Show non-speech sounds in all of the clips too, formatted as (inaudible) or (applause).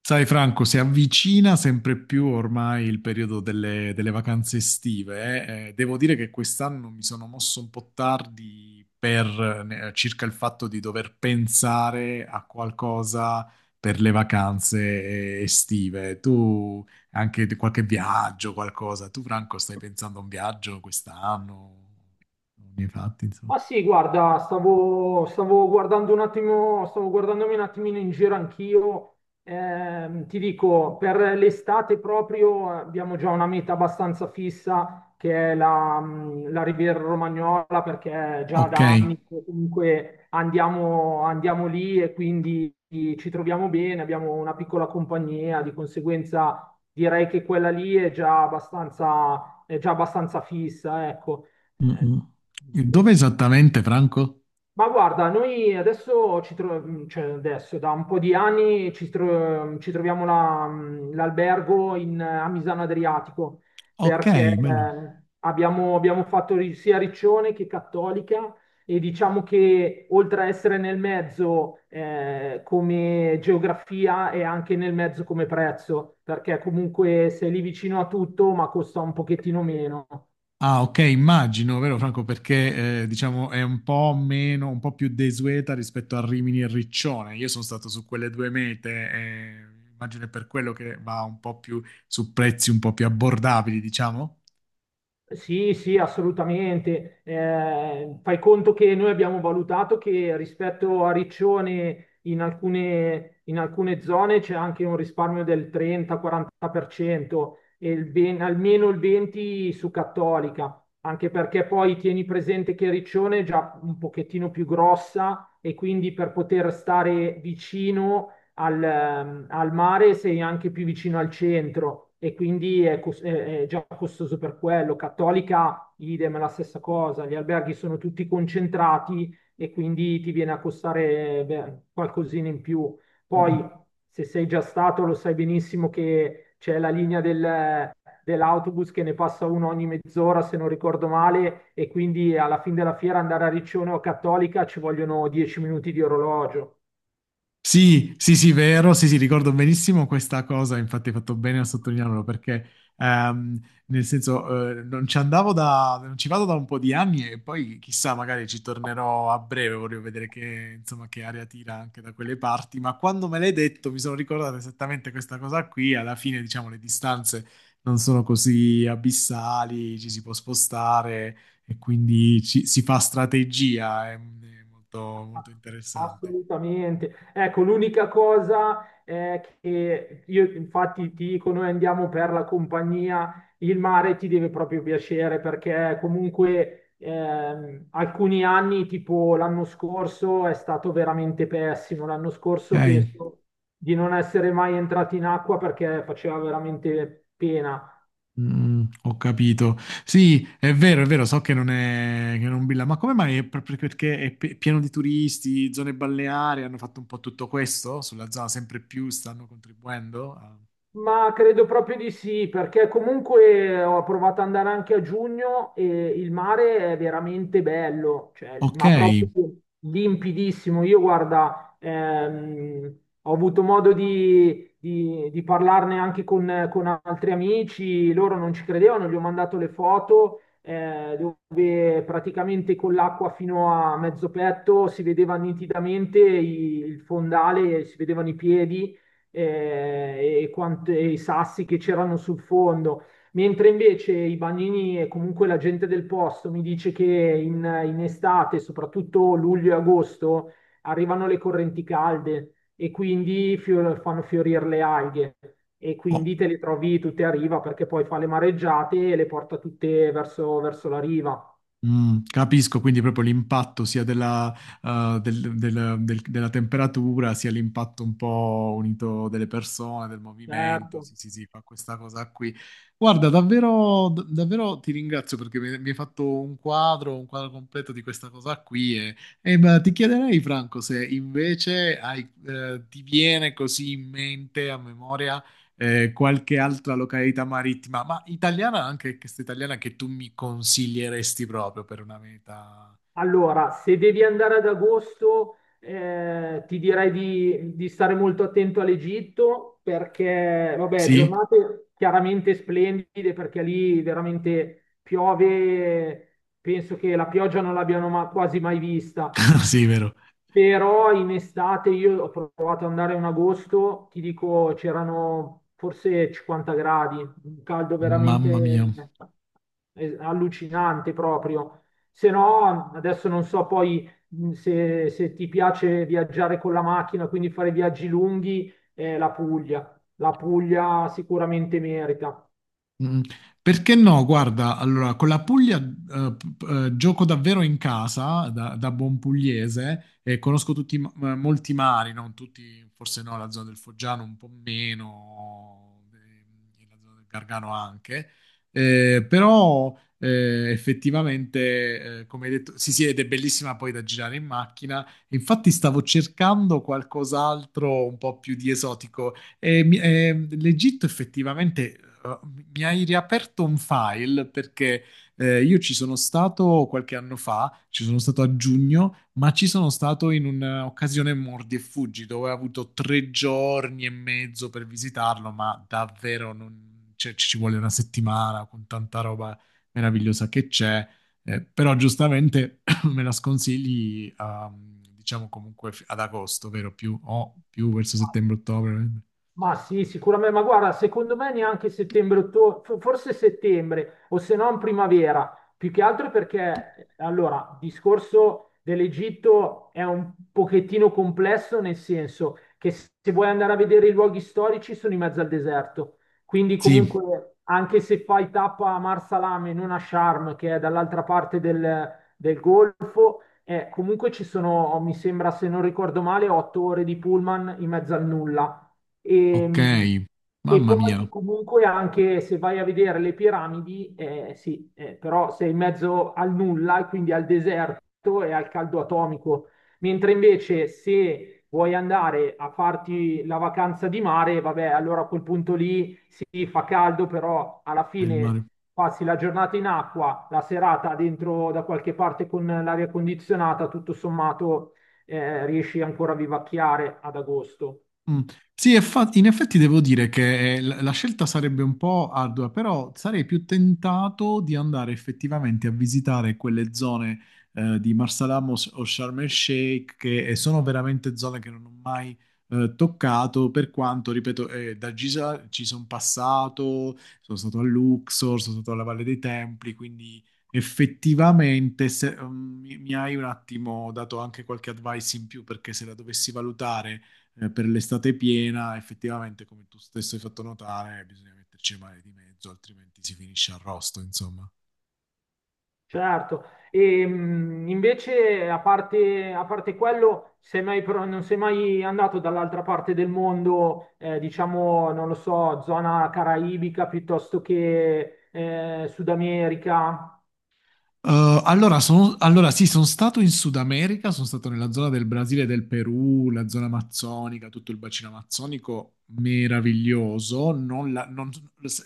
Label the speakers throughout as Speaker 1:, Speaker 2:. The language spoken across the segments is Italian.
Speaker 1: Sai Franco, si avvicina sempre più ormai il periodo delle vacanze estive. Devo dire che quest'anno mi sono mosso un po' tardi circa il fatto di dover pensare a qualcosa per le vacanze estive. Tu anche di qualche viaggio, qualcosa. Tu Franco stai pensando a un viaggio quest'anno? Non ne hai fatti, insomma.
Speaker 2: Ah sì, guarda, stavo guardando un attimo, stavo guardandomi un attimino in giro anch'io. Ti dico, per l'estate proprio abbiamo già una meta abbastanza fissa che è la Riviera Romagnola, perché già
Speaker 1: Ok.
Speaker 2: da anni che comunque andiamo lì, e quindi ci troviamo bene, abbiamo una piccola compagnia. Di conseguenza direi che quella lì è già abbastanza fissa, ecco.
Speaker 1: Mm, mm.
Speaker 2: Eh,
Speaker 1: Dove esattamente Franco?
Speaker 2: ma guarda, noi adesso, cioè adesso da un po' di anni ci troviamo l'albergo a Misano Adriatico,
Speaker 1: Ok,
Speaker 2: perché
Speaker 1: bello.
Speaker 2: abbiamo fatto sia Riccione che Cattolica, e diciamo che oltre a essere nel mezzo come geografia, è anche nel mezzo come prezzo, perché comunque sei lì vicino a tutto ma costa un pochettino meno.
Speaker 1: Ah, ok, immagino, vero Franco, perché diciamo è un po' meno, un po' più desueta rispetto a Rimini e Riccione. Io sono stato su quelle due mete, e immagino è per quello che va un po' più su prezzi un po' più abbordabili, diciamo.
Speaker 2: Sì, sì, assolutamente. Fai conto che noi abbiamo valutato che rispetto a Riccione, in alcune zone c'è anche un risparmio del 30-40%, e il almeno il 20% su Cattolica. Anche perché poi tieni presente che Riccione è già un pochettino più grossa, e quindi per poter stare vicino al mare sei anche più vicino al centro, e quindi è già costoso per quello. Cattolica, idem, è la stessa cosa. Gli alberghi sono tutti concentrati e quindi ti viene a costare, beh, qualcosina in più. Poi, se sei già stato, lo sai benissimo che c'è la linea dell'autobus, che ne passa uno ogni mezz'ora, se non ricordo male, e quindi alla fine della fiera, andare a Riccione o a Cattolica, ci vogliono 10 minuti di orologio.
Speaker 1: Sì, sì, sì, vero, sì, sì, ricordo benissimo questa cosa, infatti hai fatto bene a sottolinearlo perché ehm, nel senso non ci vado da un po' di anni e poi chissà, magari ci tornerò a breve, voglio vedere che, insomma, che aria tira anche da quelle parti, ma quando me l'hai detto mi sono ricordato esattamente questa cosa qui, alla fine diciamo le distanze non sono così abissali, ci si può spostare e quindi si fa strategia, è molto, molto interessante.
Speaker 2: Assolutamente. Ecco, l'unica cosa è che, io infatti ti dico, noi andiamo per la compagnia, il mare ti deve proprio piacere, perché comunque alcuni anni, tipo l'anno scorso, è stato veramente pessimo. L'anno scorso
Speaker 1: Ok.
Speaker 2: penso di non essere mai entrati in acqua, perché faceva veramente pena.
Speaker 1: Ho capito. Sì, è vero, so che non è, che non Billa, ma come mai? È proprio perché è pieno di turisti, zone balneari, hanno fatto un po' tutto questo sulla zona, sempre più stanno contribuendo.
Speaker 2: Ma credo proprio di sì, perché comunque ho provato ad andare anche a giugno, e il mare è veramente bello, cioè,
Speaker 1: Ok,
Speaker 2: ma proprio limpidissimo. Io guarda, ho avuto modo di parlarne anche con altri amici, loro non ci credevano, gli ho mandato le foto dove praticamente con l'acqua fino a mezzo petto si vedeva nitidamente il fondale, si vedevano i piedi e i sassi che c'erano sul fondo. Mentre invece i bagnini e comunque la gente del posto mi dice che in estate, soprattutto luglio e agosto, arrivano le correnti calde, e quindi fanno fiorire le alghe. E
Speaker 1: ho,
Speaker 2: quindi te le trovi tutte a riva, perché poi fa le mareggiate e le porta tutte verso la riva.
Speaker 1: Capisco, quindi proprio l'impatto sia della, del- del- del- della temperatura, sia l'impatto un po' unito delle persone, del movimento.
Speaker 2: Certo.
Speaker 1: Sì, sì, sì, fa questa cosa qui. Guarda, davvero, davvero ti ringrazio perché mi hai fatto un quadro completo di questa cosa qui. E, ma ti chiederei, Franco, se invece ti viene così in mente, a memoria qualche altra località marittima, ma italiana anche, questa italiana che tu mi consiglieresti proprio per una meta.
Speaker 2: Allora, se devi andare ad agosto, ti direi di stare molto attento all'Egitto, perché, vabbè,
Speaker 1: Sì?
Speaker 2: giornate chiaramente splendide, perché lì veramente piove, penso che la pioggia non l'abbiano quasi mai vista.
Speaker 1: (laughs) Sì, vero.
Speaker 2: Però in estate io ho provato ad andare in agosto, ti dico, c'erano forse 50 gradi, un caldo
Speaker 1: Mamma mia.
Speaker 2: veramente allucinante proprio. Se no, adesso non so poi se ti piace viaggiare con la macchina, quindi fare viaggi lunghi, la Puglia. La Puglia sicuramente merita.
Speaker 1: Mm, Perché no? Guarda, allora, con la Puglia gioco davvero in casa, da buon pugliese, e conosco tutti, molti mari, non tutti, forse no, la zona del Foggiano un po' meno, la zona del Gargano anche. Però effettivamente, come hai detto, sì sì, ed è bellissima poi da girare in macchina, infatti stavo cercando qualcos'altro un po' più di esotico, e l'Egitto effettivamente eh, mi hai riaperto un file perché io ci sono stato qualche anno fa, ci sono stato a giugno, ma ci sono stato in un'occasione mordi e fuggi dove ho avuto 3 giorni e mezzo per visitarlo, ma davvero cioè, ci vuole una settimana con tanta roba meravigliosa che c'è. Però giustamente (clears throat) me la sconsigli, diciamo comunque ad agosto, vero? Più, o più verso settembre-ottobre.
Speaker 2: Ma sì, sicuramente, ma guarda, secondo me neanche settembre, ottobre, forse settembre, o se no in primavera, più che altro perché, allora, il discorso dell'Egitto è un pochettino complesso, nel senso che se vuoi andare a vedere i luoghi storici sono in mezzo al deserto. Quindi
Speaker 1: Sì,
Speaker 2: comunque anche se fai tappa a Marsalam e non a Sharm, che è dall'altra parte del Golfo, comunque ci sono, mi sembra, se non ricordo male, 8 ore di pullman in mezzo al nulla,
Speaker 1: ok.
Speaker 2: e, e
Speaker 1: Mamma mia,
Speaker 2: poi comunque anche se vai a vedere le piramidi, sì, però sei in mezzo al nulla, e quindi al deserto e al caldo atomico. Mentre invece se vuoi andare a farti la vacanza di mare, vabbè, allora a quel punto lì sì, fa caldo, però alla
Speaker 1: è il
Speaker 2: fine
Speaker 1: mare.
Speaker 2: passi la giornata in acqua, la serata dentro da qualche parte con l'aria condizionata, tutto sommato riesci ancora a vivacchiare ad agosto.
Speaker 1: Mm. Sì, in effetti devo dire che la scelta sarebbe un po' ardua, però sarei più tentato di andare effettivamente a visitare quelle zone di Marsalamos o Sharm el Sheikh, che sono veramente zone che non ho mai toccato, per quanto, ripeto, da Giza ci sono passato, sono stato a Luxor, sono stato alla Valle dei Templi, quindi effettivamente mi hai un attimo dato anche qualche advice in più, perché se la dovessi valutare per l'estate piena, effettivamente, come tu stesso hai fatto notare, bisogna metterci male di mezzo, altrimenti si finisce arrosto, insomma.
Speaker 2: Certo. E invece a parte quello, sei mai pro- non sei mai andato dall'altra parte del mondo, diciamo, non lo so, zona caraibica piuttosto che Sud America?
Speaker 1: Eh, allora, allora sì, sono stato in Sud America, sono stato nella zona del Brasile e del Perù, la zona amazzonica, tutto il bacino amazzonico, meraviglioso. Non la- non-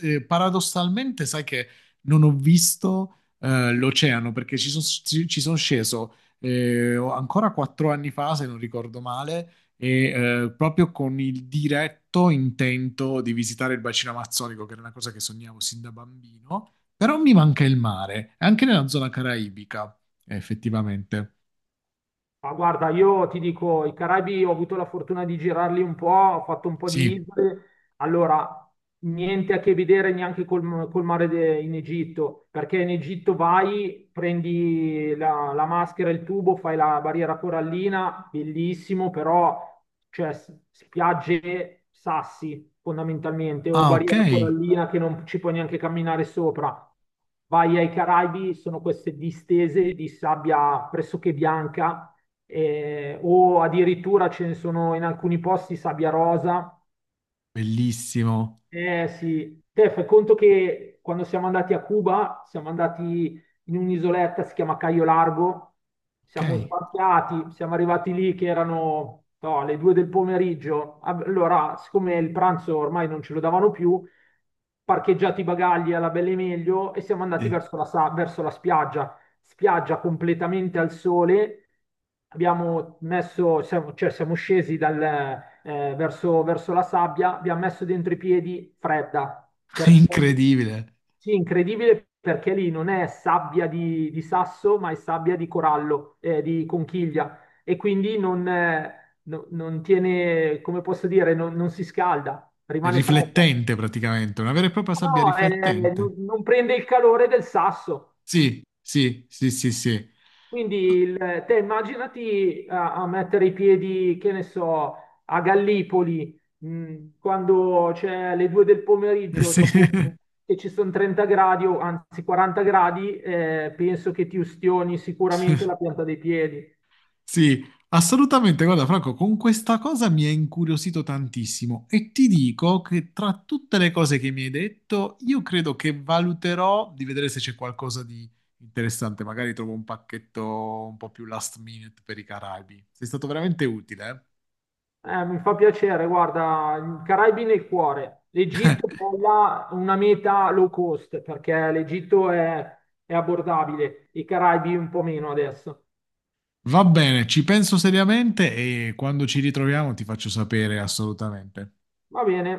Speaker 1: paradossalmente, sai che non ho visto l'oceano perché ci sono sceso ancora 4 anni fa, se non ricordo male, e proprio con il diretto intento di visitare il bacino amazzonico, che era una cosa che sognavo sin da bambino. Però mi manca il mare, è anche nella zona caraibica, effettivamente.
Speaker 2: Ma guarda, io ti dico, i Caraibi ho avuto la fortuna di girarli un po', ho fatto un po' di
Speaker 1: Sì.
Speaker 2: isole. Allora, niente a che vedere neanche col mare in Egitto, perché in Egitto vai, prendi la maschera, il tubo, fai la barriera corallina, bellissimo, però, cioè, spiagge, sassi fondamentalmente, o
Speaker 1: Ah, ok,
Speaker 2: barriera corallina che non ci puoi neanche camminare sopra. Vai ai Caraibi, sono queste distese di sabbia pressoché bianca, o addirittura ce ne sono in alcuni posti sabbia rosa.
Speaker 1: bellissimo.
Speaker 2: Eh sì, te fai conto che quando siamo andati a Cuba, siamo andati in un'isoletta, si chiama Cayo Largo,
Speaker 1: Ok,
Speaker 2: siamo sbarcati, siamo arrivati lì che erano, no, le 2 del pomeriggio. Ah, allora, siccome il pranzo ormai non ce lo davano più, parcheggiati i bagagli alla belle meglio, e siamo andati
Speaker 1: sì.
Speaker 2: verso la spiaggia. Spiaggia completamente al sole. Cioè siamo scesi verso la sabbia, abbiamo messo dentro i piedi, fredda,
Speaker 1: (laughs)
Speaker 2: perché
Speaker 1: Incredibile.
Speaker 2: sì, incredibile, perché lì non è sabbia di sasso, ma è sabbia di corallo, di conchiglia, e quindi non tiene, come posso dire, non si scalda,
Speaker 1: È
Speaker 2: rimane fredda.
Speaker 1: riflettente praticamente, una vera e propria sabbia
Speaker 2: No, non
Speaker 1: riflettente.
Speaker 2: non prende il calore del sasso.
Speaker 1: Sì, sì, sì, sì, sì. (laughs)
Speaker 2: Quindi te immaginati a mettere i piedi, che ne so, a Gallipoli, quando c'è le due del pomeriggio,
Speaker 1: Sì.
Speaker 2: dopo che ci sono 30 gradi, o anzi 40 gradi, penso che ti ustioni sicuramente la pianta dei piedi.
Speaker 1: Sì, assolutamente. Guarda, Franco, con questa cosa mi è incuriosito tantissimo e ti dico che tra tutte le cose che mi hai detto, io credo che valuterò di vedere se c'è qualcosa di interessante. Magari trovo un pacchetto un po' più last minute per i Caraibi. Sei stato veramente utile, eh?
Speaker 2: Mi fa piacere, guarda, i Caraibi nel cuore. L'Egitto poi là, una meta low cost, perché l'Egitto è abbordabile, i Caraibi un po' meno adesso.
Speaker 1: Va bene, ci penso seriamente e quando ci ritroviamo ti faccio sapere assolutamente.
Speaker 2: Va bene.